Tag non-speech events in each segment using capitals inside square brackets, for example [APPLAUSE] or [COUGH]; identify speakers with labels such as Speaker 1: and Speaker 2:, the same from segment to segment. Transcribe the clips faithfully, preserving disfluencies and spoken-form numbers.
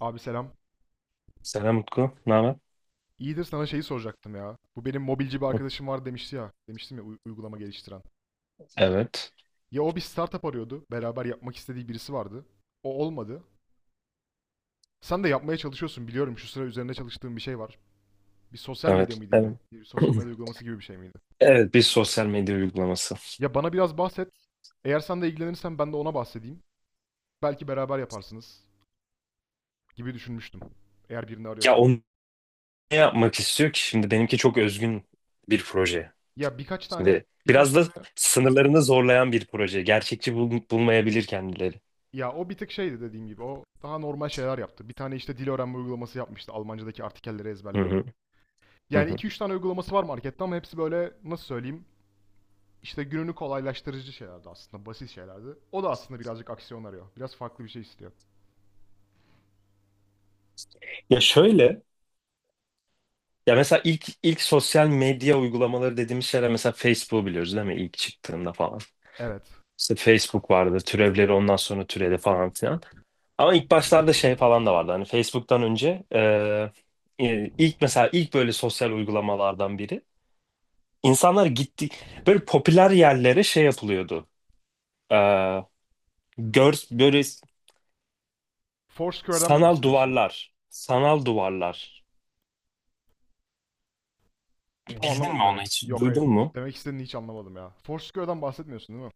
Speaker 1: Abi selam.
Speaker 2: Selam Utku. Ne haber?
Speaker 1: İyidir, sana şeyi soracaktım ya. Bu benim mobilci bir
Speaker 2: Hı.
Speaker 1: arkadaşım var demişti ya. Demiştim ya u- uygulama geliştiren.
Speaker 2: Evet.
Speaker 1: Ya o bir startup arıyordu. Beraber yapmak istediği birisi vardı. O olmadı. Sen de yapmaya çalışıyorsun biliyorum. Şu sıra üzerine çalıştığın bir şey var. Bir sosyal medya
Speaker 2: Evet.
Speaker 1: mıydı yine?
Speaker 2: Evet.
Speaker 1: Bir sosyal medya
Speaker 2: [CLEARS THROAT]
Speaker 1: uygulaması gibi bir şey miydi?
Speaker 2: Evet, bir sosyal medya uygulaması.
Speaker 1: Ya bana biraz bahset. Eğer sen de ilgilenirsen ben de ona bahsedeyim. Belki beraber yaparsınız gibi düşünmüştüm. Eğer birini
Speaker 2: Ya
Speaker 1: arıyorsan.
Speaker 2: onu ne yapmak istiyor ki? Şimdi benimki çok özgün bir proje.
Speaker 1: Ya birkaç tane
Speaker 2: Şimdi
Speaker 1: birkaç
Speaker 2: biraz da
Speaker 1: tane
Speaker 2: sınırlarını zorlayan bir proje. Gerçekçi bul- bulmayabilir kendileri.
Speaker 1: ya o bir tık şeydi dediğim gibi. O daha normal şeyler yaptı. Bir tane işte dil öğrenme uygulaması yapmıştı. Almancadaki artikelleri
Speaker 2: Hı
Speaker 1: ezberle
Speaker 2: hı,
Speaker 1: diye.
Speaker 2: hı
Speaker 1: Yani
Speaker 2: hı.
Speaker 1: iki üç tane uygulaması var markette ama hepsi böyle nasıl söyleyeyim? İşte gününü kolaylaştırıcı şeylerdi aslında. Basit şeylerdi. O da aslında birazcık aksiyon arıyor. Biraz farklı bir şey istiyor.
Speaker 2: Ya şöyle, ya mesela ilk ilk sosyal medya uygulamaları dediğimiz şeyler, mesela Facebook'u biliyoruz değil mi? İlk çıktığında falan.
Speaker 1: Evet.
Speaker 2: İşte Facebook vardı, türevleri ondan sonra türedi falan filan. Ama ilk başlarda şey falan da vardı. Hani Facebook'tan önce e, e, ilk mesela ilk böyle sosyal uygulamalardan biri. İnsanlar gitti böyle popüler yerlere şey yapılıyordu. E, gör böyle
Speaker 1: Foursquare'dan mı
Speaker 2: sanal
Speaker 1: bahsediyorsun?
Speaker 2: duvarlar, sanal duvarlar.
Speaker 1: Tam
Speaker 2: Bildin mi
Speaker 1: anlamadım
Speaker 2: onu
Speaker 1: demek.
Speaker 2: hiç?
Speaker 1: Yok, hayır.
Speaker 2: Duydun mu?
Speaker 1: Demek istediğini hiç anlamadım ya. Foursquare'dan bahsetmiyorsun değil mi?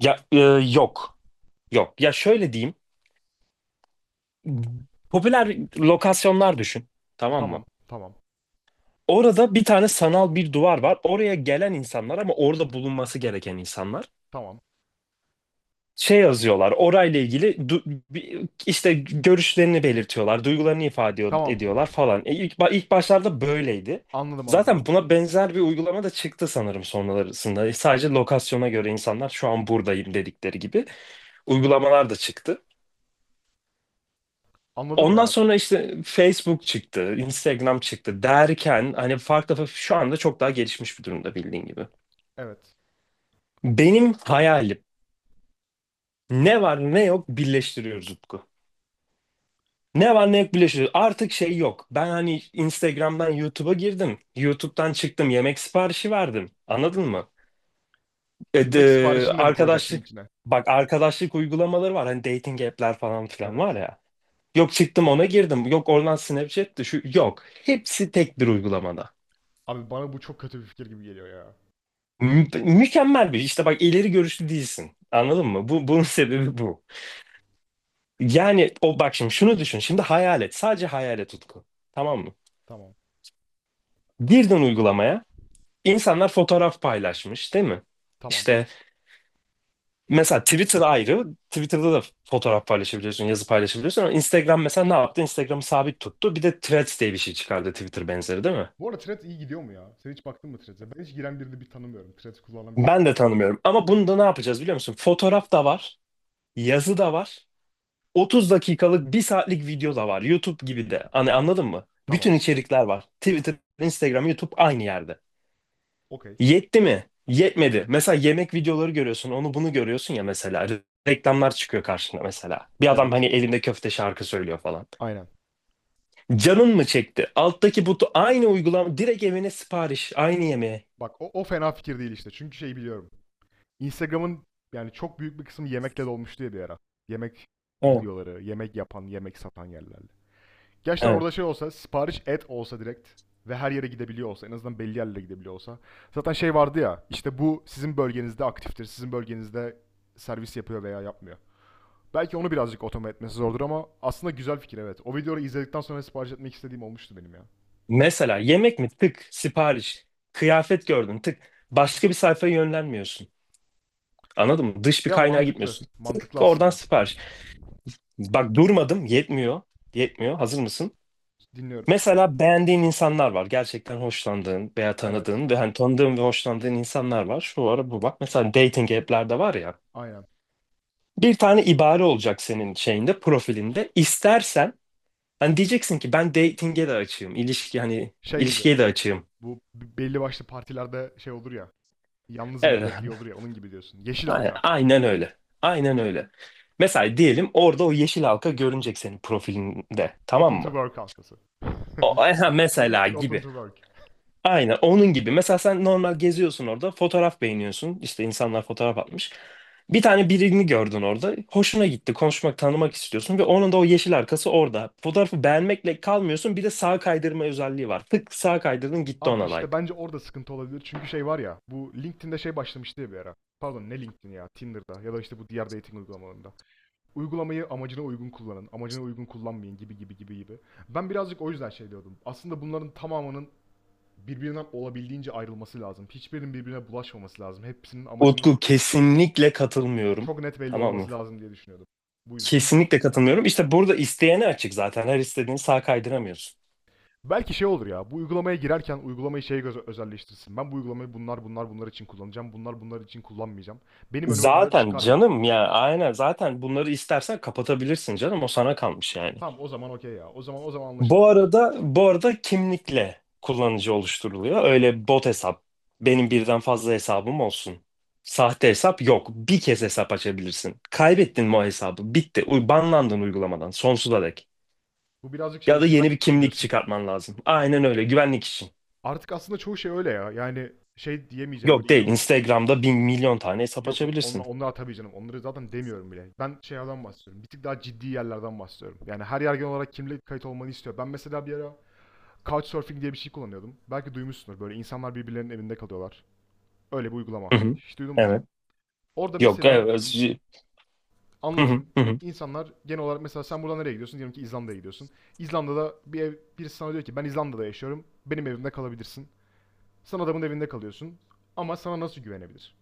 Speaker 2: Ya e, yok. Yok. Ya şöyle diyeyim. Popüler lokasyonlar düşün. Tamam
Speaker 1: Tamam.
Speaker 2: mı?
Speaker 1: Tamam.
Speaker 2: Orada bir tane sanal bir duvar var. Oraya gelen insanlar ama orada bulunması gereken insanlar.
Speaker 1: Tamam.
Speaker 2: Şey yazıyorlar orayla ilgili du- bi- işte görüşlerini belirtiyorlar, duygularını ifade ediyor-
Speaker 1: Tamam.
Speaker 2: ediyorlar falan. e, ilk, ba- ilk başlarda böyleydi
Speaker 1: Anladım, anladım.
Speaker 2: zaten. Buna benzer bir uygulama da çıktı sanırım sonrasında. E, sadece lokasyona göre insanlar şu an buradayım dedikleri gibi uygulamalar da çıktı.
Speaker 1: Anladım
Speaker 2: Ondan
Speaker 1: ya.
Speaker 2: sonra işte Facebook çıktı, Instagram çıktı derken hani farklı farklı- şu anda çok daha gelişmiş bir durumda bildiğin gibi.
Speaker 1: Evet.
Speaker 2: Benim hayalim, ne var ne yok birleştiriyoruz Utku. Ne var ne yok birleşiyor. Artık şey yok. Ben hani Instagram'dan YouTube'a girdim. YouTube'dan çıktım. Yemek siparişi verdim. Anladın mı? E,
Speaker 1: Yemek
Speaker 2: de-
Speaker 1: siparişini de mi koyacaksın
Speaker 2: arkadaşlık,
Speaker 1: içine?
Speaker 2: bak arkadaşlık uygulamaları var. Hani dating app'ler falan filan var
Speaker 1: Evet.
Speaker 2: ya. Yok çıktım ona girdim. Yok oradan Snapchat'ti şu yok. Hepsi tek bir uygulamada.
Speaker 1: Abi bana bu çok kötü bir fikir gibi geliyor ya.
Speaker 2: Mü- mükemmel bir işte bak, ileri görüşlü değilsin. Anladın mı? Bu bunun [LAUGHS] sebebi bu. Yani o bak, şimdi şunu düşün. Şimdi hayal et. Sadece hayal et Utku. Tamam mı?
Speaker 1: Tamam.
Speaker 2: Girdin uygulamaya. İnsanlar fotoğraf paylaşmış, değil mi?
Speaker 1: Tamam.
Speaker 2: İşte mesela Twitter ayrı. Twitter'da da fotoğraf paylaşabiliyorsun, yazı paylaşabiliyorsun ama Instagram mesela ne yaptı? Instagram'ı sabit tuttu. Bir de Threads diye bir şey çıkardı, Twitter benzeri, değil mi?
Speaker 1: Bu arada Threads iyi gidiyor mu ya? Sen hiç baktın mı Threads'e? Ben hiç giren birini bir tanımıyorum. Threads kullanan birisini.
Speaker 2: Ben de tanımıyorum. Ama bunda ne yapacağız biliyor musun? Fotoğraf da var, yazı da var. otuz dakikalık, bir saatlik video da var. YouTube gibi de. Hani anladın mı? Bütün
Speaker 1: Tamam.
Speaker 2: içerikler var. Twitter, Instagram, YouTube aynı yerde.
Speaker 1: Okey.
Speaker 2: Yetti mi? Yetmedi. Mesela yemek videoları görüyorsun, onu bunu görüyorsun ya mesela. Re- Reklamlar çıkıyor karşına mesela. Bir adam hani
Speaker 1: Evet.
Speaker 2: elinde köfte şarkı söylüyor falan.
Speaker 1: Aynen.
Speaker 2: Canın mı çekti? Alttaki butu aynı uygulama, direkt evine sipariş, aynı yemeğe.
Speaker 1: Bak o, o fena fikir değil işte. Çünkü şey biliyorum. Instagram'ın yani çok büyük bir kısmı yemekle dolmuştu ya bir ara. Yemek
Speaker 2: Evet,
Speaker 1: videoları, yemek yapan, yemek satan yerlerle. Gerçekten
Speaker 2: evet.
Speaker 1: orada şey olsa, sipariş et olsa direkt ve her yere gidebiliyor olsa, en azından belli yerlere gidebiliyor olsa. Zaten şey vardı ya, işte bu sizin bölgenizde aktiftir, sizin bölgenizde servis yapıyor veya yapmıyor. Belki onu birazcık otomat etmesi zordur ama aslında güzel fikir, evet. O videoyu izledikten sonra sipariş etmek istediğim olmuştu benim ya.
Speaker 2: Mesela yemek mi? Tık, sipariş. Kıyafet gördün, tık. Başka bir sayfaya yönlenmiyorsun. Anladın mı? Dış bir
Speaker 1: Ya
Speaker 2: kaynağa
Speaker 1: mantıklı.
Speaker 2: gitmiyorsun.
Speaker 1: Mantıklı
Speaker 2: Tık, oradan
Speaker 1: aslında.
Speaker 2: sipariş. Bak durmadım, yetmiyor. Yetmiyor. Hazır mısın?
Speaker 1: Dinliyorum.
Speaker 2: Mesela beğendiğin insanlar var. Gerçekten hoşlandığın veya
Speaker 1: Evet.
Speaker 2: tanıdığın ve hani tanıdığın ve hoşlandığın insanlar var. Şu ara bu bak. Mesela dating app'lerde var ya.
Speaker 1: Aynen.
Speaker 2: Bir tane ibare olacak senin şeyinde, profilinde. İstersen hani diyeceksin ki ben dating'e de açığım. İlişki, hani
Speaker 1: Şey gibi.
Speaker 2: ilişkiye de açığım.
Speaker 1: Bu b- belli başlı partilerde şey olur ya. Yalnızın
Speaker 2: Evet. [LAUGHS]
Speaker 1: bilekliği olur ya. Onun gibi diyorsun. Yeşil
Speaker 2: Aynen
Speaker 1: halka.
Speaker 2: aynen öyle. Aynen öyle. Mesela diyelim orada o yeşil halka görünecek senin profilinde. Tamam
Speaker 1: Open to
Speaker 2: mı?
Speaker 1: work halkası. [LAUGHS]
Speaker 2: O,
Speaker 1: Link-
Speaker 2: aha, mesela
Speaker 1: LinkedIn open
Speaker 2: gibi.
Speaker 1: to work.
Speaker 2: Aynen onun gibi. Mesela sen normal geziyorsun orada, fotoğraf beğeniyorsun. İşte insanlar fotoğraf atmış. Bir tane birini gördün orada. Hoşuna gitti. Konuşmak, tanımak istiyorsun ve onun da o yeşil arkası orada. Fotoğrafı beğenmekle kalmıyorsun. Bir de sağ kaydırma özelliği var. Tık, sağ kaydırdın, gitti
Speaker 1: Abi
Speaker 2: ona
Speaker 1: işte
Speaker 2: like.
Speaker 1: bence orada sıkıntı olabilir. Çünkü şey var ya. Bu LinkedIn'de şey başlamıştı ya bir ara. Pardon, ne LinkedIn ya. Tinder'da ya da işte bu diğer dating uygulamalarında uygulamayı amacına uygun kullanın, amacına uygun kullanmayın gibi gibi gibi gibi. Ben birazcık o yüzden şey diyordum. Aslında bunların tamamının birbirinden olabildiğince ayrılması lazım. Hiçbirinin birbirine bulaşmaması lazım. Hepsinin amacının
Speaker 2: Utku, kesinlikle katılmıyorum.
Speaker 1: çok net belli
Speaker 2: Tamam mı?
Speaker 1: olması lazım diye düşünüyordum. Bu yüzden.
Speaker 2: Kesinlikle katılmıyorum. İşte burada isteyene açık zaten. Her istediğini sağ kaydıramıyorsun.
Speaker 1: Belki şey olur ya, bu uygulamaya girerken uygulamayı şeye göz özelleştirsin. Ben bu uygulamayı bunlar bunlar bunlar için kullanacağım, bunlar bunlar için kullanmayacağım. Benim önüme bunları
Speaker 2: Zaten
Speaker 1: çıkarma.
Speaker 2: canım ya, aynen, zaten bunları istersen kapatabilirsin canım. O sana kalmış yani.
Speaker 1: Tamam o zaman, okey ya. O zaman o zaman
Speaker 2: Bu
Speaker 1: anlaşılabilir.
Speaker 2: arada bu arada kimlikle kullanıcı oluşturuluyor. Öyle bot hesap, benim birden fazla hesabım olsun. Sahte hesap yok. Bir kez hesap açabilirsin. Kaybettin mi o hesabı? Bitti. U- Banlandın uygulamadan sonsuza dek.
Speaker 1: Bu birazcık şey,
Speaker 2: Ya da yeni bir
Speaker 1: güvenlik için
Speaker 2: kimlik
Speaker 1: diyorsun.
Speaker 2: çıkartman lazım. Aynen öyle. Güvenlik için.
Speaker 1: Artık aslında çoğu şey öyle ya. Yani şey diyemeyeceğim, böyle
Speaker 2: Yok değil.
Speaker 1: inanılmaz.
Speaker 2: Instagram'da bin milyon tane hesap
Speaker 1: Yok, yok, onla-
Speaker 2: açabilirsin.
Speaker 1: onlar tabii canım. Onları zaten demiyorum bile. Ben şeylerden bahsediyorum. Bir tık daha ciddi yerlerden bahsediyorum. Yani her yer genel olarak kimlik kayıt olmanı istiyor. Ben mesela bir ara Couchsurfing diye bir şey kullanıyordum. Belki duymuşsundur. Böyle insanlar birbirlerinin evinde kalıyorlar. Öyle bir uygulama.
Speaker 2: Hı hı.
Speaker 1: Hiç duydun mu?
Speaker 2: Evet.
Speaker 1: Orada
Speaker 2: Yok.
Speaker 1: mesela
Speaker 2: Evet. Hı hı.
Speaker 1: anlatayım.
Speaker 2: Hı hı.
Speaker 1: İnsanlar genel olarak mesela sen buradan nereye gidiyorsun? Diyelim ki İzlanda'ya gidiyorsun. İzlanda'da bir ev, birisi sana diyor ki ben İzlanda'da yaşıyorum. Benim evimde kalabilirsin. Sen adamın evinde kalıyorsun. Ama sana nasıl güvenebilir?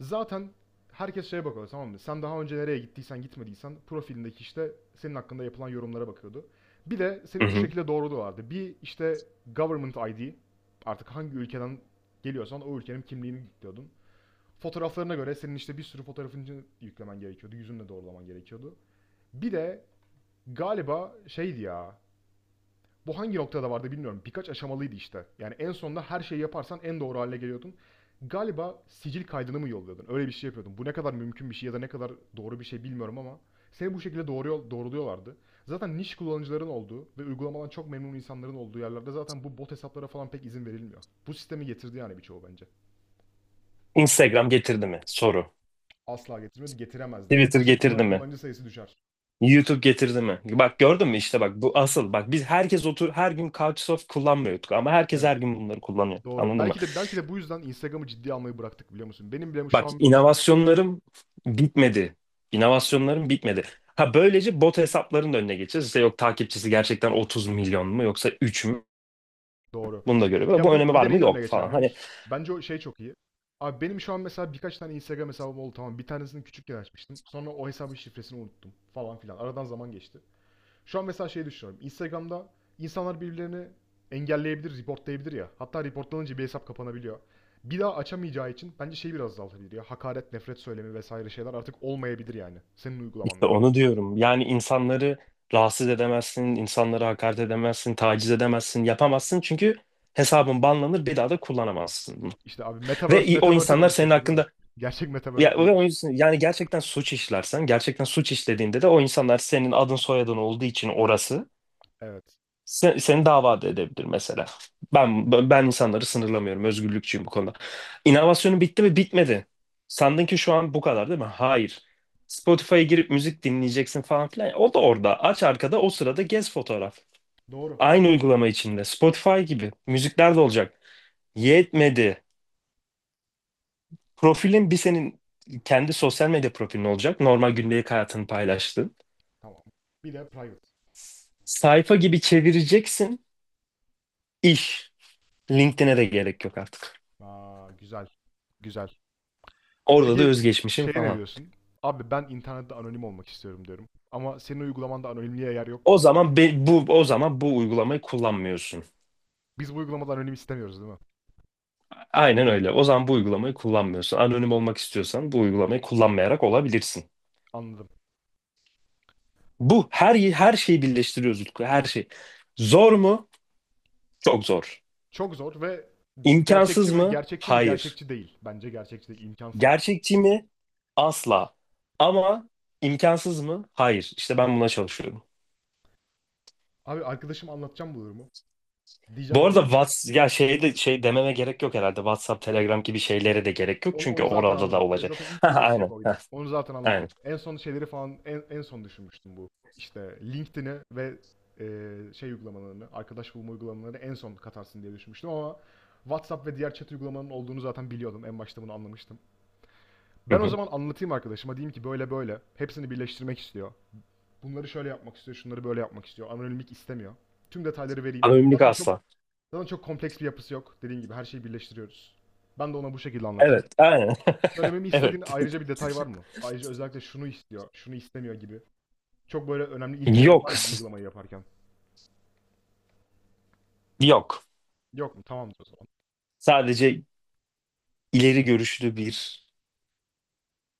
Speaker 1: Zaten herkes şeye bakıyor, tamam mı? Sen daha önce nereye gittiysen gitmediysen profilindeki işte senin hakkında yapılan yorumlara bakıyordu. Bir de seni
Speaker 2: Hı
Speaker 1: üç
Speaker 2: hı.
Speaker 1: şekilde doğruluyorlardı. Bir işte government I D, artık hangi ülkeden geliyorsan o ülkenin kimliğini yüklüyordun. Fotoğraflarına göre senin işte bir sürü fotoğrafını yüklemen gerekiyordu. Yüzünle doğrulaman gerekiyordu. Bir de galiba şeydi ya, bu hangi noktada vardı bilmiyorum. Birkaç aşamalıydı işte. Yani en sonunda her şeyi yaparsan en doğru hale geliyordun. Galiba sicil kaydını mı yolluyordun? Öyle bir şey yapıyordun. Bu ne kadar mümkün bir şey ya da ne kadar doğru bir şey bilmiyorum ama seni bu şekilde doğru doğruluyorlardı. Zaten niş kullanıcıların olduğu ve uygulamadan çok memnun insanların olduğu yerlerde zaten bu bot hesaplara falan pek izin verilmiyor. Bu sistemi getirdi yani birçoğu bence.
Speaker 2: Instagram getirdi mi? Soru.
Speaker 1: Asla getirmedi, getiremez de.
Speaker 2: Twitter
Speaker 1: Yoksa kullan-
Speaker 2: getirdi mi?
Speaker 1: kullanıcı sayısı düşer.
Speaker 2: YouTube getirdi mi? Bak gördün mü
Speaker 1: Yok.
Speaker 2: işte, bak bu asıl, bak biz herkes otur her gün Couchsurf kullanmıyorduk ama herkes
Speaker 1: Evet.
Speaker 2: her gün bunları kullanıyor.
Speaker 1: Doğru.
Speaker 2: Anladın mı?
Speaker 1: Belki de belki de bu yüzden Instagram'ı ciddi almayı bıraktık, biliyor musun? Benim bile şu
Speaker 2: Bak,
Speaker 1: an bir tane.
Speaker 2: inovasyonlarım bitmedi. İnovasyonlarım bitmedi. Ha, böylece bot hesapların da önüne geçeceğiz. İşte yok takipçisi gerçekten otuz milyon mu yoksa üç mü?
Speaker 1: Doğru.
Speaker 2: Bunu da görüyor.
Speaker 1: Ya
Speaker 2: Bu
Speaker 1: bu
Speaker 2: önemi
Speaker 1: bir
Speaker 2: var
Speaker 1: de
Speaker 2: mı?
Speaker 1: neyin önüne
Speaker 2: Yok
Speaker 1: geçer
Speaker 2: falan.
Speaker 1: biliyor
Speaker 2: Hani
Speaker 1: musun? Bence o şey çok iyi. Abi benim şu an mesela birkaç tane Instagram hesabım oldu, tamam. Bir tanesini küçükken açmıştım. Sonra o hesabın şifresini unuttum falan filan. Aradan zaman geçti. Şu an mesela şey düşünüyorum. Instagram'da insanlar birbirlerini engelleyebilir, reportlayabilir ya. Hatta reportlanınca bir hesap kapanabiliyor. Bir daha açamayacağı için bence şeyi biraz azaltabilir ya. Hakaret, nefret söylemi vesaire şeyler artık olmayabilir yani. Senin
Speaker 2: işte
Speaker 1: uygulamanda.
Speaker 2: onu diyorum. Yani insanları rahatsız edemezsin, insanlara hakaret edemezsin, taciz edemezsin, yapamazsın. Çünkü hesabın banlanır, bir daha da kullanamazsın bunu.
Speaker 1: İşte abi
Speaker 2: Ve
Speaker 1: Metaverse,
Speaker 2: i- o
Speaker 1: Metaverse'e
Speaker 2: insanlar senin
Speaker 1: dönüşecek bu değil mi?
Speaker 2: hakkında,
Speaker 1: Gerçek
Speaker 2: ya,
Speaker 1: Metaverse buymuş.
Speaker 2: o yüzden- yani gerçekten suç işlersen, gerçekten suç işlediğinde de o insanlar senin adın soyadın olduğu için orası
Speaker 1: Evet.
Speaker 2: se- seni dava da edebilir mesela. Ben ben insanları sınırlamıyorum, özgürlükçüyüm bu konuda. İnovasyonu bitti mi? Bitmedi. Sandın ki şu an bu kadar, değil mi? Hayır. Spotify'a girip müzik dinleyeceksin falan filan. O da orada. Aç arkada, o sırada gez fotoğraf.
Speaker 1: Doğru.
Speaker 2: Aynı uygulama içinde. Spotify gibi. Müzikler de olacak. Yetmedi. Profilin, bir senin kendi sosyal medya profilin olacak. Normal gündelik hayatını paylaştığın.
Speaker 1: Tamam. Bir de private.
Speaker 2: Sayfa gibi çevireceksin iş. LinkedIn'e de gerek yok artık.
Speaker 1: Aa, güzel. Güzel.
Speaker 2: Orada da
Speaker 1: Peki
Speaker 2: özgeçmişim
Speaker 1: şeye ne
Speaker 2: falan.
Speaker 1: diyorsun? Abi ben internette anonim olmak istiyorum diyorum. Ama senin uygulamanda anonimliğe yer yok mu
Speaker 2: O
Speaker 1: asla?
Speaker 2: zaman be- bu o zaman, bu uygulamayı kullanmıyorsun.
Speaker 1: Biz bu uygulamada anonim istemiyoruz değil mi?
Speaker 2: Aynen öyle. O zaman bu uygulamayı kullanmıyorsun. Anonim olmak istiyorsan bu uygulamayı kullanmayarak olabilirsin.
Speaker 1: Anladım.
Speaker 2: Bu, her her şeyi birleştiriyoruz Utku. Her şey. Zor mu? Çok zor.
Speaker 1: Çok zor ve gerçekçi
Speaker 2: İmkansız
Speaker 1: mi?
Speaker 2: mı?
Speaker 1: Gerçekçi mi?
Speaker 2: Hayır.
Speaker 1: Gerçekçi değil. Bence gerçekçi değil. İmkansız.
Speaker 2: Gerçekçi mi? Asla. Ama imkansız mı? Hayır. İşte ben buna çalışıyorum.
Speaker 1: Abi arkadaşım anlatacağım bu durumu.
Speaker 2: Bu
Speaker 1: Diyeceğim
Speaker 2: arada
Speaker 1: ki
Speaker 2: Whats ya şey de şey dememe gerek yok herhalde. WhatsApp, Telegram gibi
Speaker 1: yok.
Speaker 2: şeylere de gerek yok
Speaker 1: Onu,
Speaker 2: çünkü
Speaker 1: onu zaten
Speaker 2: orada da
Speaker 1: anladım. O
Speaker 2: olacak.
Speaker 1: zaten
Speaker 2: [LAUGHS]
Speaker 1: ilk
Speaker 2: Ha,
Speaker 1: birleşecek
Speaker 2: aynen.
Speaker 1: oydu.
Speaker 2: Ha,
Speaker 1: Onu zaten
Speaker 2: aynen.
Speaker 1: anladım. En son şeyleri falan en, en son düşünmüştüm bu. İşte LinkedIn'i ve e, şey uygulamalarını, arkadaş bulma uygulamalarını en son katarsın diye düşünmüştüm ama WhatsApp ve diğer chat uygulamanın olduğunu zaten biliyordum. En başta bunu anlamıştım.
Speaker 2: Hı
Speaker 1: Ben o
Speaker 2: hı.
Speaker 1: zaman anlatayım arkadaşıma. Diyeyim ki böyle böyle. Hepsini birleştirmek istiyor. Bunları şöyle yapmak istiyor, şunları böyle yapmak istiyor. Anonimlik istemiyor. Tüm detayları vereyim.
Speaker 2: Anonimlik
Speaker 1: Zaten çok
Speaker 2: asla.
Speaker 1: zaten çok kompleks bir yapısı yok. Dediğim gibi her şeyi birleştiriyoruz. Ben de ona bu şekilde anlatırım.
Speaker 2: Evet, aynen.
Speaker 1: Söylememi
Speaker 2: [LAUGHS]
Speaker 1: istediğin
Speaker 2: Evet.
Speaker 1: ayrıca bir detay var mı? Ayrıca özellikle şunu istiyor, şunu istemiyor gibi. Çok böyle önemli ilkelerin var
Speaker 2: Yok.
Speaker 1: mı bu uygulamayı yaparken?
Speaker 2: Yok.
Speaker 1: Yok mu? Tamamdır o zaman.
Speaker 2: Sadece ileri görüşlü bir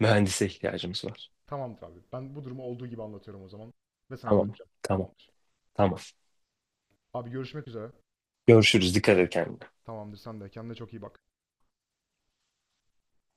Speaker 2: mühendise ihtiyacımız var.
Speaker 1: Tamamdır abi. Ben bu durumu olduğu gibi anlatıyorum o zaman. Ve sana
Speaker 2: Tamam.
Speaker 1: döneceğim.
Speaker 2: Tamam.
Speaker 1: Tamamdır.
Speaker 2: Tamam.
Speaker 1: Abi görüşmek üzere.
Speaker 2: Görüşürüz. Dikkat et kendine.
Speaker 1: Tamamdır sen de. Kendine çok iyi bak.